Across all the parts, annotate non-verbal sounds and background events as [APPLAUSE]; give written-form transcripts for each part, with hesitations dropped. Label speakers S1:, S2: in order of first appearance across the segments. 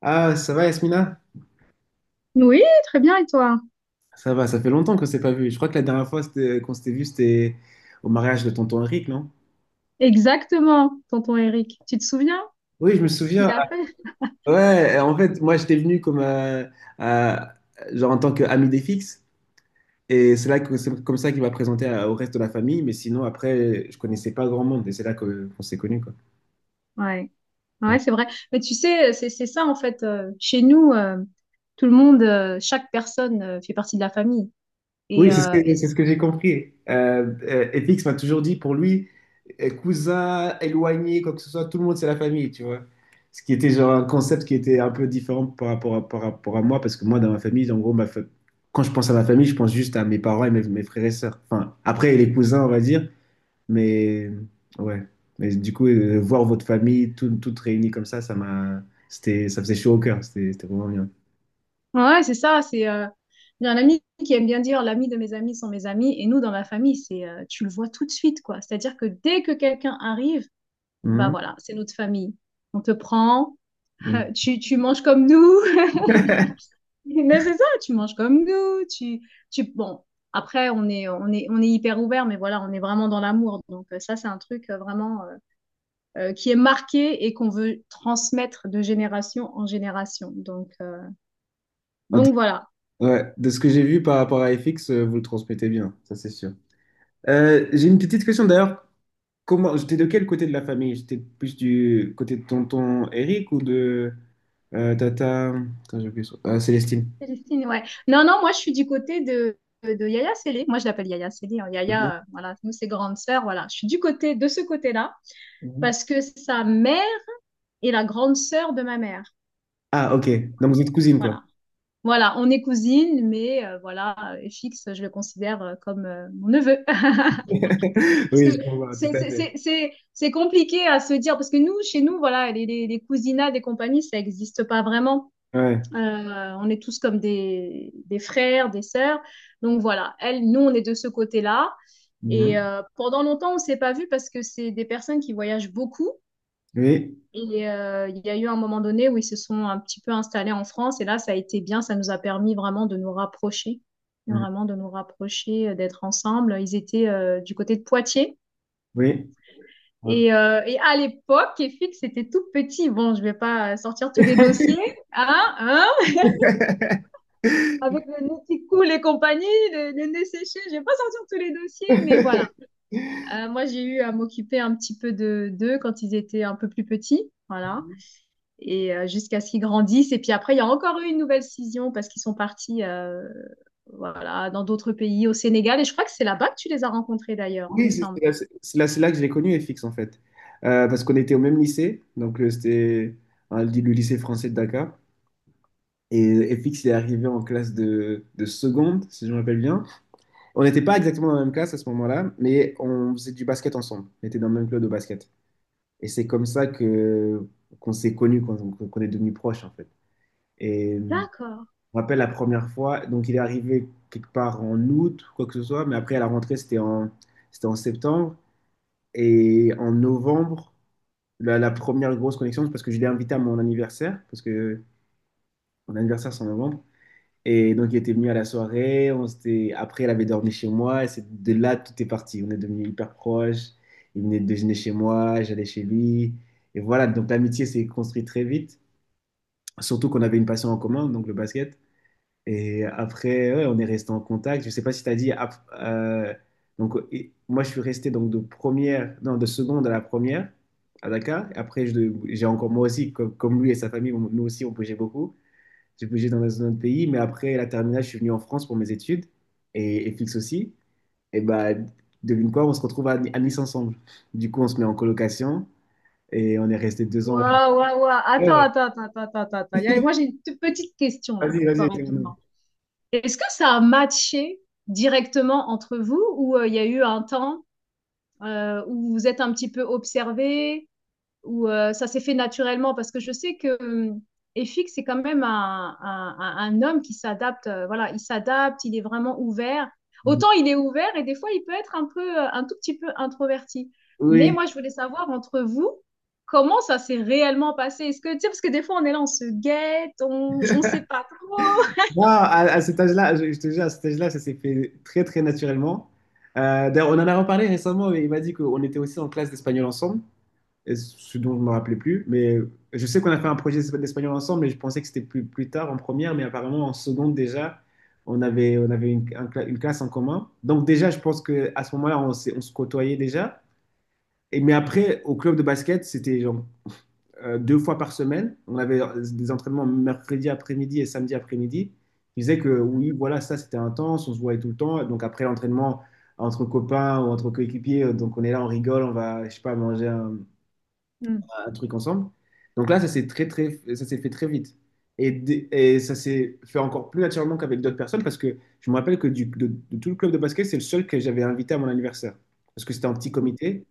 S1: Ah, ça va, Yasmina?
S2: Oui, très bien, et toi?
S1: Ça va, ça fait longtemps qu'on s'est pas vu. Je crois que la dernière fois c'était- qu'on s'était vu, c'était au mariage de tonton Henrik, non?
S2: Exactement, tonton Eric. Tu te souviens
S1: Oui, je me
S2: ce qu'il
S1: souviens. Ah,
S2: a fait?
S1: Ouais, en fait, moi j'étais venu comme euh, genre en tant qu'ami des fixes, et c'est là que c'est comme ça qu'il m'a présenté au reste de la famille. Mais sinon, après, je connaissais pas grand monde, et qu'on s'est connus, quoi.
S2: Ouais, ouais, c'est vrai. Mais tu sais, c'est ça en fait. Chez nous, tout le monde, chaque personne fait partie de la famille. Et
S1: Oui, c'est ce que j'ai compris. FX m'a toujours dit pour lui, cousin, éloigné, quoi que ce soit, tout le monde c'est la famille, tu vois. Ce qui était genre un concept qui était un peu différent par rapport à moi, parce que moi, dans ma famille, en gros, quand je pense à ma famille, je pense juste à mes parents et mes frères et sœurs. Enfin, après, les cousins, on va dire, mais ouais. Mais du coup, voir votre famille toutes réunies comme ça, c'était, ça faisait chaud au cœur, c'était vraiment bien.
S2: ouais, c'est ça. C'est j'ai un ami qui aime bien dire l'ami de mes amis sont mes amis. Et nous, dans la famille, c'est tu le vois tout de suite, quoi. C'est-à-dire que dès que quelqu'un arrive, bah
S1: Mhm.
S2: voilà, c'est notre famille. On te prend,
S1: Mhm.
S2: [LAUGHS] tu manges comme nous. [LAUGHS] Mais c'est ça, tu manges comme nous, tu, bon, après, on est hyper ouvert, mais voilà, on est vraiment dans l'amour. Donc, ça, c'est un truc vraiment qui est marqué et qu'on veut transmettre de génération en génération. Donc voilà.
S1: Ouais, de ce que j'ai vu par rapport à FX, vous le transmettez bien, ça c'est sûr. J'ai une petite question d'ailleurs. Comment, j'étais de quel côté de la famille? J'étais plus du côté de tonton Eric ou de tata... Attends, j'ai oublié son... Célestine.
S2: Célestine, ouais. Non, moi, je suis du côté de Yaya Sélé. Moi, je l'appelle Yaya Sélé. Hein.
S1: Ok.
S2: Yaya, voilà, nous, c'est grande sœur. Voilà, je suis du côté de ce côté-là
S1: Mhm.
S2: parce que sa mère est la grande sœur de ma mère.
S1: Ah, ok. Donc vous êtes cousine, quoi.
S2: Voilà. Voilà, on est cousines, mais voilà, FX, je le considère comme mon neveu. [LAUGHS] Parce
S1: [LAUGHS] Oui,
S2: que
S1: je comprends, tout à fait.
S2: c'est compliqué à se dire, parce que nous, chez nous, voilà, les cousinats des compagnies, ça n'existe pas vraiment.
S1: Ouais.
S2: On est tous comme des frères, des sœurs. Donc voilà, elle, nous, on est de ce côté-là. Et
S1: Mhm.
S2: pendant longtemps, on s'est pas vus parce que c'est des personnes qui voyagent beaucoup.
S1: Oui.
S2: Et il y a eu un moment donné où ils se sont un petit peu installés en France. Et là, ça a été bien. Ça nous a permis vraiment de nous rapprocher.
S1: Mhm.
S2: Vraiment de nous rapprocher, d'être ensemble. Ils étaient du côté de Poitiers.
S1: Oui. Hop.
S2: Et à l'époque, EFIX, c'était tout petit. Bon, je vais pas sortir tous les dossiers. Hein, hein [LAUGHS] avec le nez qui coule et compagnie, le nez séché, je vais pas sortir tous les dossiers. Mais voilà.
S1: [LAUGHS]
S2: Moi, j'ai eu à m'occuper un petit peu de d'eux quand ils étaient un peu plus petits. Voilà. Et jusqu'à ce qu'ils grandissent. Et puis après, il y a encore eu une nouvelle scission parce qu'ils sont partis voilà, dans d'autres pays, au Sénégal. Et je crois que c'est là-bas que tu les as rencontrés d'ailleurs, il me
S1: Oui,
S2: semble.
S1: c'est là que j'ai connu FX en fait. Parce qu'on était au même lycée, donc c'était le lycée français de Dakar. Et FX il est arrivé en classe de seconde, si je me rappelle bien. On n'était pas exactement dans la même classe à ce moment-là, mais on faisait du basket ensemble. On était dans le même club de basket. Et c'est comme ça que qu'on s'est connus, qu'on est devenus proches en fait. Et je
S2: D'accord.
S1: me rappelle la première fois, donc il est arrivé quelque part en août, quoi que ce soit, mais après à la rentrée c'était en septembre. Et en novembre, la première grosse connexion, c'est parce que je l'ai invité à mon anniversaire, parce que mon anniversaire, c'est en novembre. Et donc, il était venu à la soirée. On s'était... Après, il avait dormi chez moi. Et c'est de là, tout est parti. On est devenus hyper proches. Il venait de déjeuner chez moi, j'allais chez lui. Et voilà, donc l'amitié s'est construite très vite. Surtout qu'on avait une passion en commun, donc le basket. Et après, ouais, on est resté en contact. Je sais pas si tu as dit. Donc, moi, je suis resté donc de première, non, de seconde à la première à Dakar. Après, j'ai encore moi aussi, comme lui et sa famille, nous aussi, on bougeait beaucoup. J'ai bougé dans un autre pays. Mais après la terminale, je suis venu en France pour mes études et Fix aussi. Et bah, devine quoi, on se retrouve à Nice ensemble. Du coup, on se met en colocation et on est resté deux ans là.
S2: Waouh, waouh, waouh. Attends,
S1: Ouais.
S2: attends, attends, attends, attends, attends. Il y a- moi, j'ai
S1: [LAUGHS]
S2: une toute petite question là
S1: Vas-y,
S2: pour toi
S1: vas-y, dis-moi.
S2: rapidement. Est-ce que ça a matché directement entre vous ou il y a eu un temps où vous vous êtes un petit peu observés ou ça s'est fait naturellement parce que je sais que Efik, c'est quand même un homme qui s'adapte. Voilà, il s'adapte, il est vraiment ouvert. Autant il est ouvert et des fois il peut être un peu, un tout petit peu introverti. Mais
S1: Oui,
S2: moi, je voulais savoir entre vous, comment ça s'est réellement passé? Est-ce que, tu sais, parce que des fois on est là, on se guette, on ne sait pas trop.
S1: non, à cet âge-là, je te jure, à cet âge-là, ça s'est fait très naturellement. D'ailleurs, on en a reparlé récemment, mais il m'a dit qu'on était aussi en classe d'espagnol ensemble, et ce dont je ne me rappelais plus. Mais je sais qu'on a fait un projet d'espagnol ensemble, mais je pensais que c'était plus tard, en première, mais apparemment en seconde déjà, on avait une classe en commun. Donc déjà, je pense qu'à ce moment-là, on se côtoyait déjà. Et, mais après, au club de basket, c'était genre deux fois par semaine. On avait des entraînements mercredi après-midi et samedi après-midi. Il disait que oui, voilà, ça c'était intense, on se voyait tout le temps. Donc après l'entraînement, entre copains ou entre coéquipiers, donc on est là, on rigole, on va, je sais pas, manger
S2: Hmm.
S1: un truc ensemble. Donc là, ça s'est fait très vite. Et, et ça s'est fait encore plus naturellement qu'avec d'autres personnes parce que je me rappelle que de tout le club de basket, c'est le seul que j'avais invité à mon anniversaire. Parce que c'était un petit comité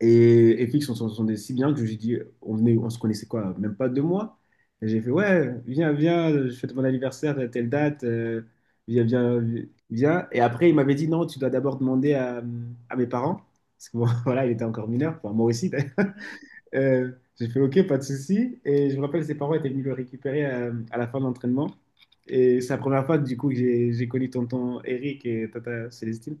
S1: et Fix, on s'entendait si bien que je lui ai dit, on venait, on se connaissait quoi, même pas deux mois. Et j'ai fait, ouais, viens, je fête mon anniversaire à telle date, viens, viens. Et après, il m'avait dit, non, tu dois d'abord demander à mes parents, parce que bon, [LAUGHS] voilà, il était encore mineur, enfin, moi aussi. [LAUGHS] d'ailleurs. Euh, j'ai fait, ok, pas de souci. Et je me rappelle, ses parents étaient venus le récupérer à, la fin de l'entraînement. Et c'est la première fois, du coup, que j'ai connu tonton Eric et tata Célestine.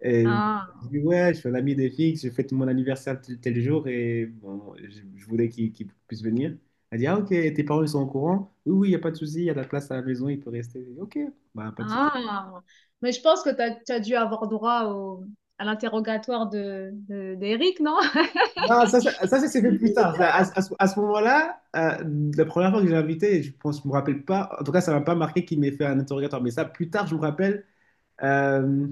S1: Et
S2: Ah,
S1: je dis, ouais, je suis un ami des filles, je fête mon anniversaire tel jour et bon, je voulais qu'ils puissent venir. Elle dit, ah ok, tes parents ils sont au courant? Oui, oui, il n'y a pas de souci, il y a de la place à la maison, il peut rester. Je dis, Ok, bah, pas de souci.
S2: ah. Mais je pense que tu as, dû avoir droit au- à l'interrogatoire de, d'Eric, non? [LAUGHS]
S1: Non, ça s'est fait plus tard. À ce moment-là, la première fois que j'ai invité, je pense, je me rappelle pas. En tout cas, ça m'a pas marqué qu'il m'ait fait un interrogatoire. Mais ça, plus tard, je me rappelle. euh,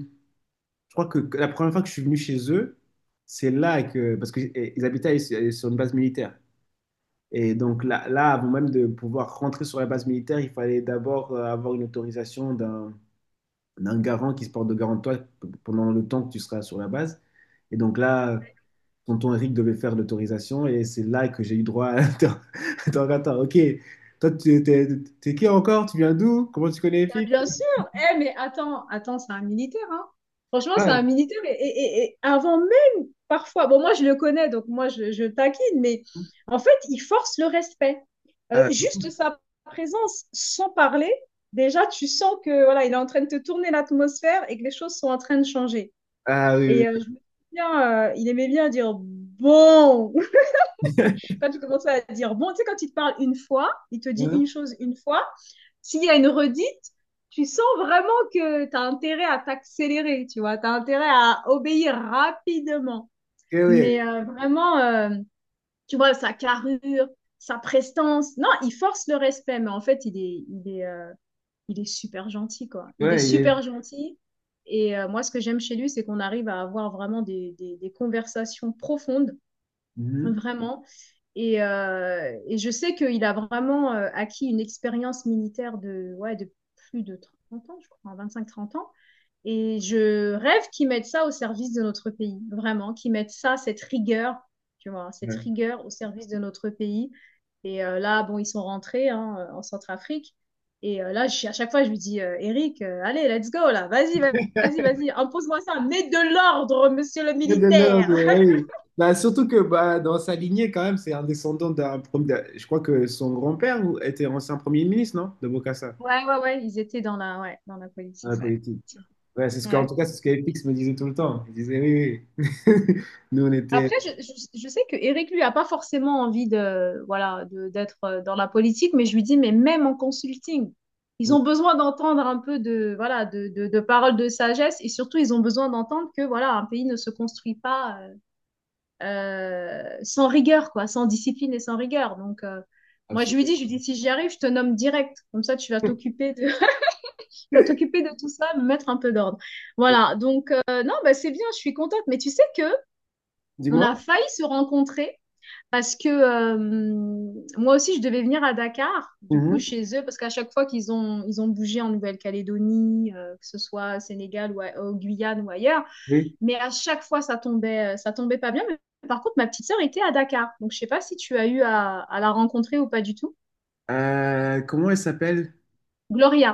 S1: je crois que la première fois que je suis venu chez eux, c'est là que parce qu'ils habitaient sur une base militaire. Et donc là, avant même de pouvoir rentrer sur la base militaire, il fallait d'abord avoir une autorisation d'un garant qui se porte de garant de toi pendant le temps que tu seras sur la base. Et donc là, tonton Eric devait faire l'autorisation et c'est là que j'ai eu droit à... [LAUGHS] Attends, attends, attends, ok. Toi, tu t'es t'es qui encore? Tu viens d'où? Comment tu connais
S2: Bah,
S1: Eric?
S2: bien sûr. Eh, mais attends, attends, c'est un militaire, hein. Franchement, c'est
S1: Ah,
S2: un militaire. Et, et avant même, parfois, bon, moi, je le connais, donc moi, je taquine, mais en fait, il force le respect.
S1: ah,
S2: Juste sa présence, sans parler, déjà, tu sens que voilà, il est en train de te tourner l'atmosphère et que les choses sont en train de changer.
S1: ah, oui,
S2: Et je me souviens, il aimait bien dire bon.
S1: oui.
S2: [LAUGHS]
S1: [LAUGHS]
S2: Quand tu commences à dire bon, tu sais, quand il te parle une fois, il te dit une
S1: Hein?
S2: chose une fois s'il y a une redite, tu sens vraiment que tu as intérêt à t'accélérer, tu vois, tu as intérêt à obéir rapidement.
S1: Ok,
S2: Mais
S1: ouais.
S2: tu vois, sa carrure, sa prestance, non, il force le respect, mais en fait, il est super gentil, quoi. Il est
S1: Ouais, il est-
S2: super gentil. Et moi, ce que j'aime chez lui, c'est qu'on arrive à avoir vraiment des conversations profondes
S1: Mhm.
S2: vraiment. Et je sais qu'il a vraiment acquis une expérience militaire de, ouais, de plus de 30 ans, je crois, hein, 25 30 ans. Et je rêve qu'ils mettent ça au service de notre pays, vraiment, qu'ils mettent ça, cette rigueur, tu vois, cette rigueur au service de notre pays. Et là, bon, ils sont rentrés hein, en Centrafrique. Et là, à chaque fois, je lui dis, Eric, allez, let's go, là, vas-y, impose-moi ça, mets de l'ordre, monsieur le
S1: Fred Delorme,
S2: militaire.
S1: oui. Bah, surtout que bah, dans sa lignée, quand même, c'est un descendant Je crois que son grand-père était ancien premier ministre, non? De Bokassa,
S2: Ouais, ils étaient dans la, ouais, dans la
S1: dans
S2: politique,
S1: la
S2: ouais.
S1: politique. Ouais, en
S2: Ouais.
S1: tout cas, c'est ce que FX me disait tout le temps. Il disait oui, oui. [LAUGHS] Nous, on était.
S2: Après, je sais que Eric, lui, a pas forcément envie de, voilà, d'être dans la politique, mais je lui dis, mais même en consulting, ils
S1: euh,
S2: ont besoin d'entendre un peu de, voilà, de paroles de sagesse et surtout, ils ont besoin d'entendre que, voilà, un pays ne se construit pas sans rigueur, quoi, sans discipline et sans rigueur. Donc, moi,
S1: Absolument.
S2: je lui dis, si j'y arrive, je te nomme direct. Comme ça, tu vas
S1: [LAUGHS]
S2: t'occuper de tout ça, me mettre un peu d'ordre. Voilà, donc non, bah, c'est bien, je suis contente. Mais tu sais que on
S1: Dis-moi.
S2: a failli se rencontrer parce que moi aussi, je devais venir à Dakar, du coup,
S1: Mhm.
S2: chez eux, parce qu'à chaque fois qu'ils ont, ils ont bougé en Nouvelle-Calédonie, que ce soit au Sénégal ou au Guyane ou ailleurs,
S1: Oui.
S2: mais à chaque fois, ça tombait pas bien. Mais par contre, ma petite sœur était à Dakar, donc je sais pas si tu as eu à la rencontrer ou pas du tout.
S1: Comment elle s'appelle?
S2: Gloria,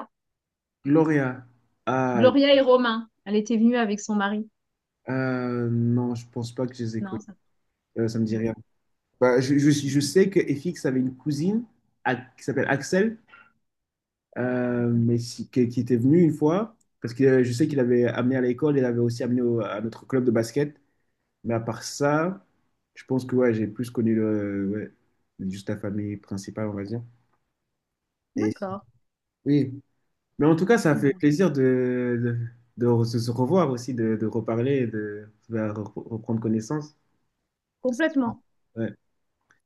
S1: Gloria. Ah,
S2: Gloria et Romain, elle était venue avec son mari.
S1: non, je pense pas que je les ai
S2: Non,
S1: connus.
S2: ça.
S1: Ça me dit
S2: Ouais.
S1: rien. Bah, je sais que FX avait une cousine qui s'appelle Axel. Qui était venu une fois, parce que je sais qu'il avait amené à l'école, il avait aussi amené à notre club de basket. Mais à part ça, je pense que ouais, j'ai plus connu le, ouais, juste la famille principale, on va dire. Et
S2: D'accord.
S1: oui, mais en tout cas, ça fait
S2: Mm.
S1: plaisir de se se revoir aussi, de reparler, et reprendre connaissance.
S2: Complètement.
S1: Ouais,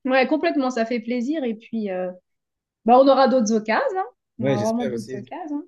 S2: Ouais, complètement, ça fait plaisir. Et puis, bah, on aura d'autres occasions. Hein. On
S1: ouais,
S2: aura vraiment
S1: j'espère
S2: d'autres
S1: aussi.
S2: occasions.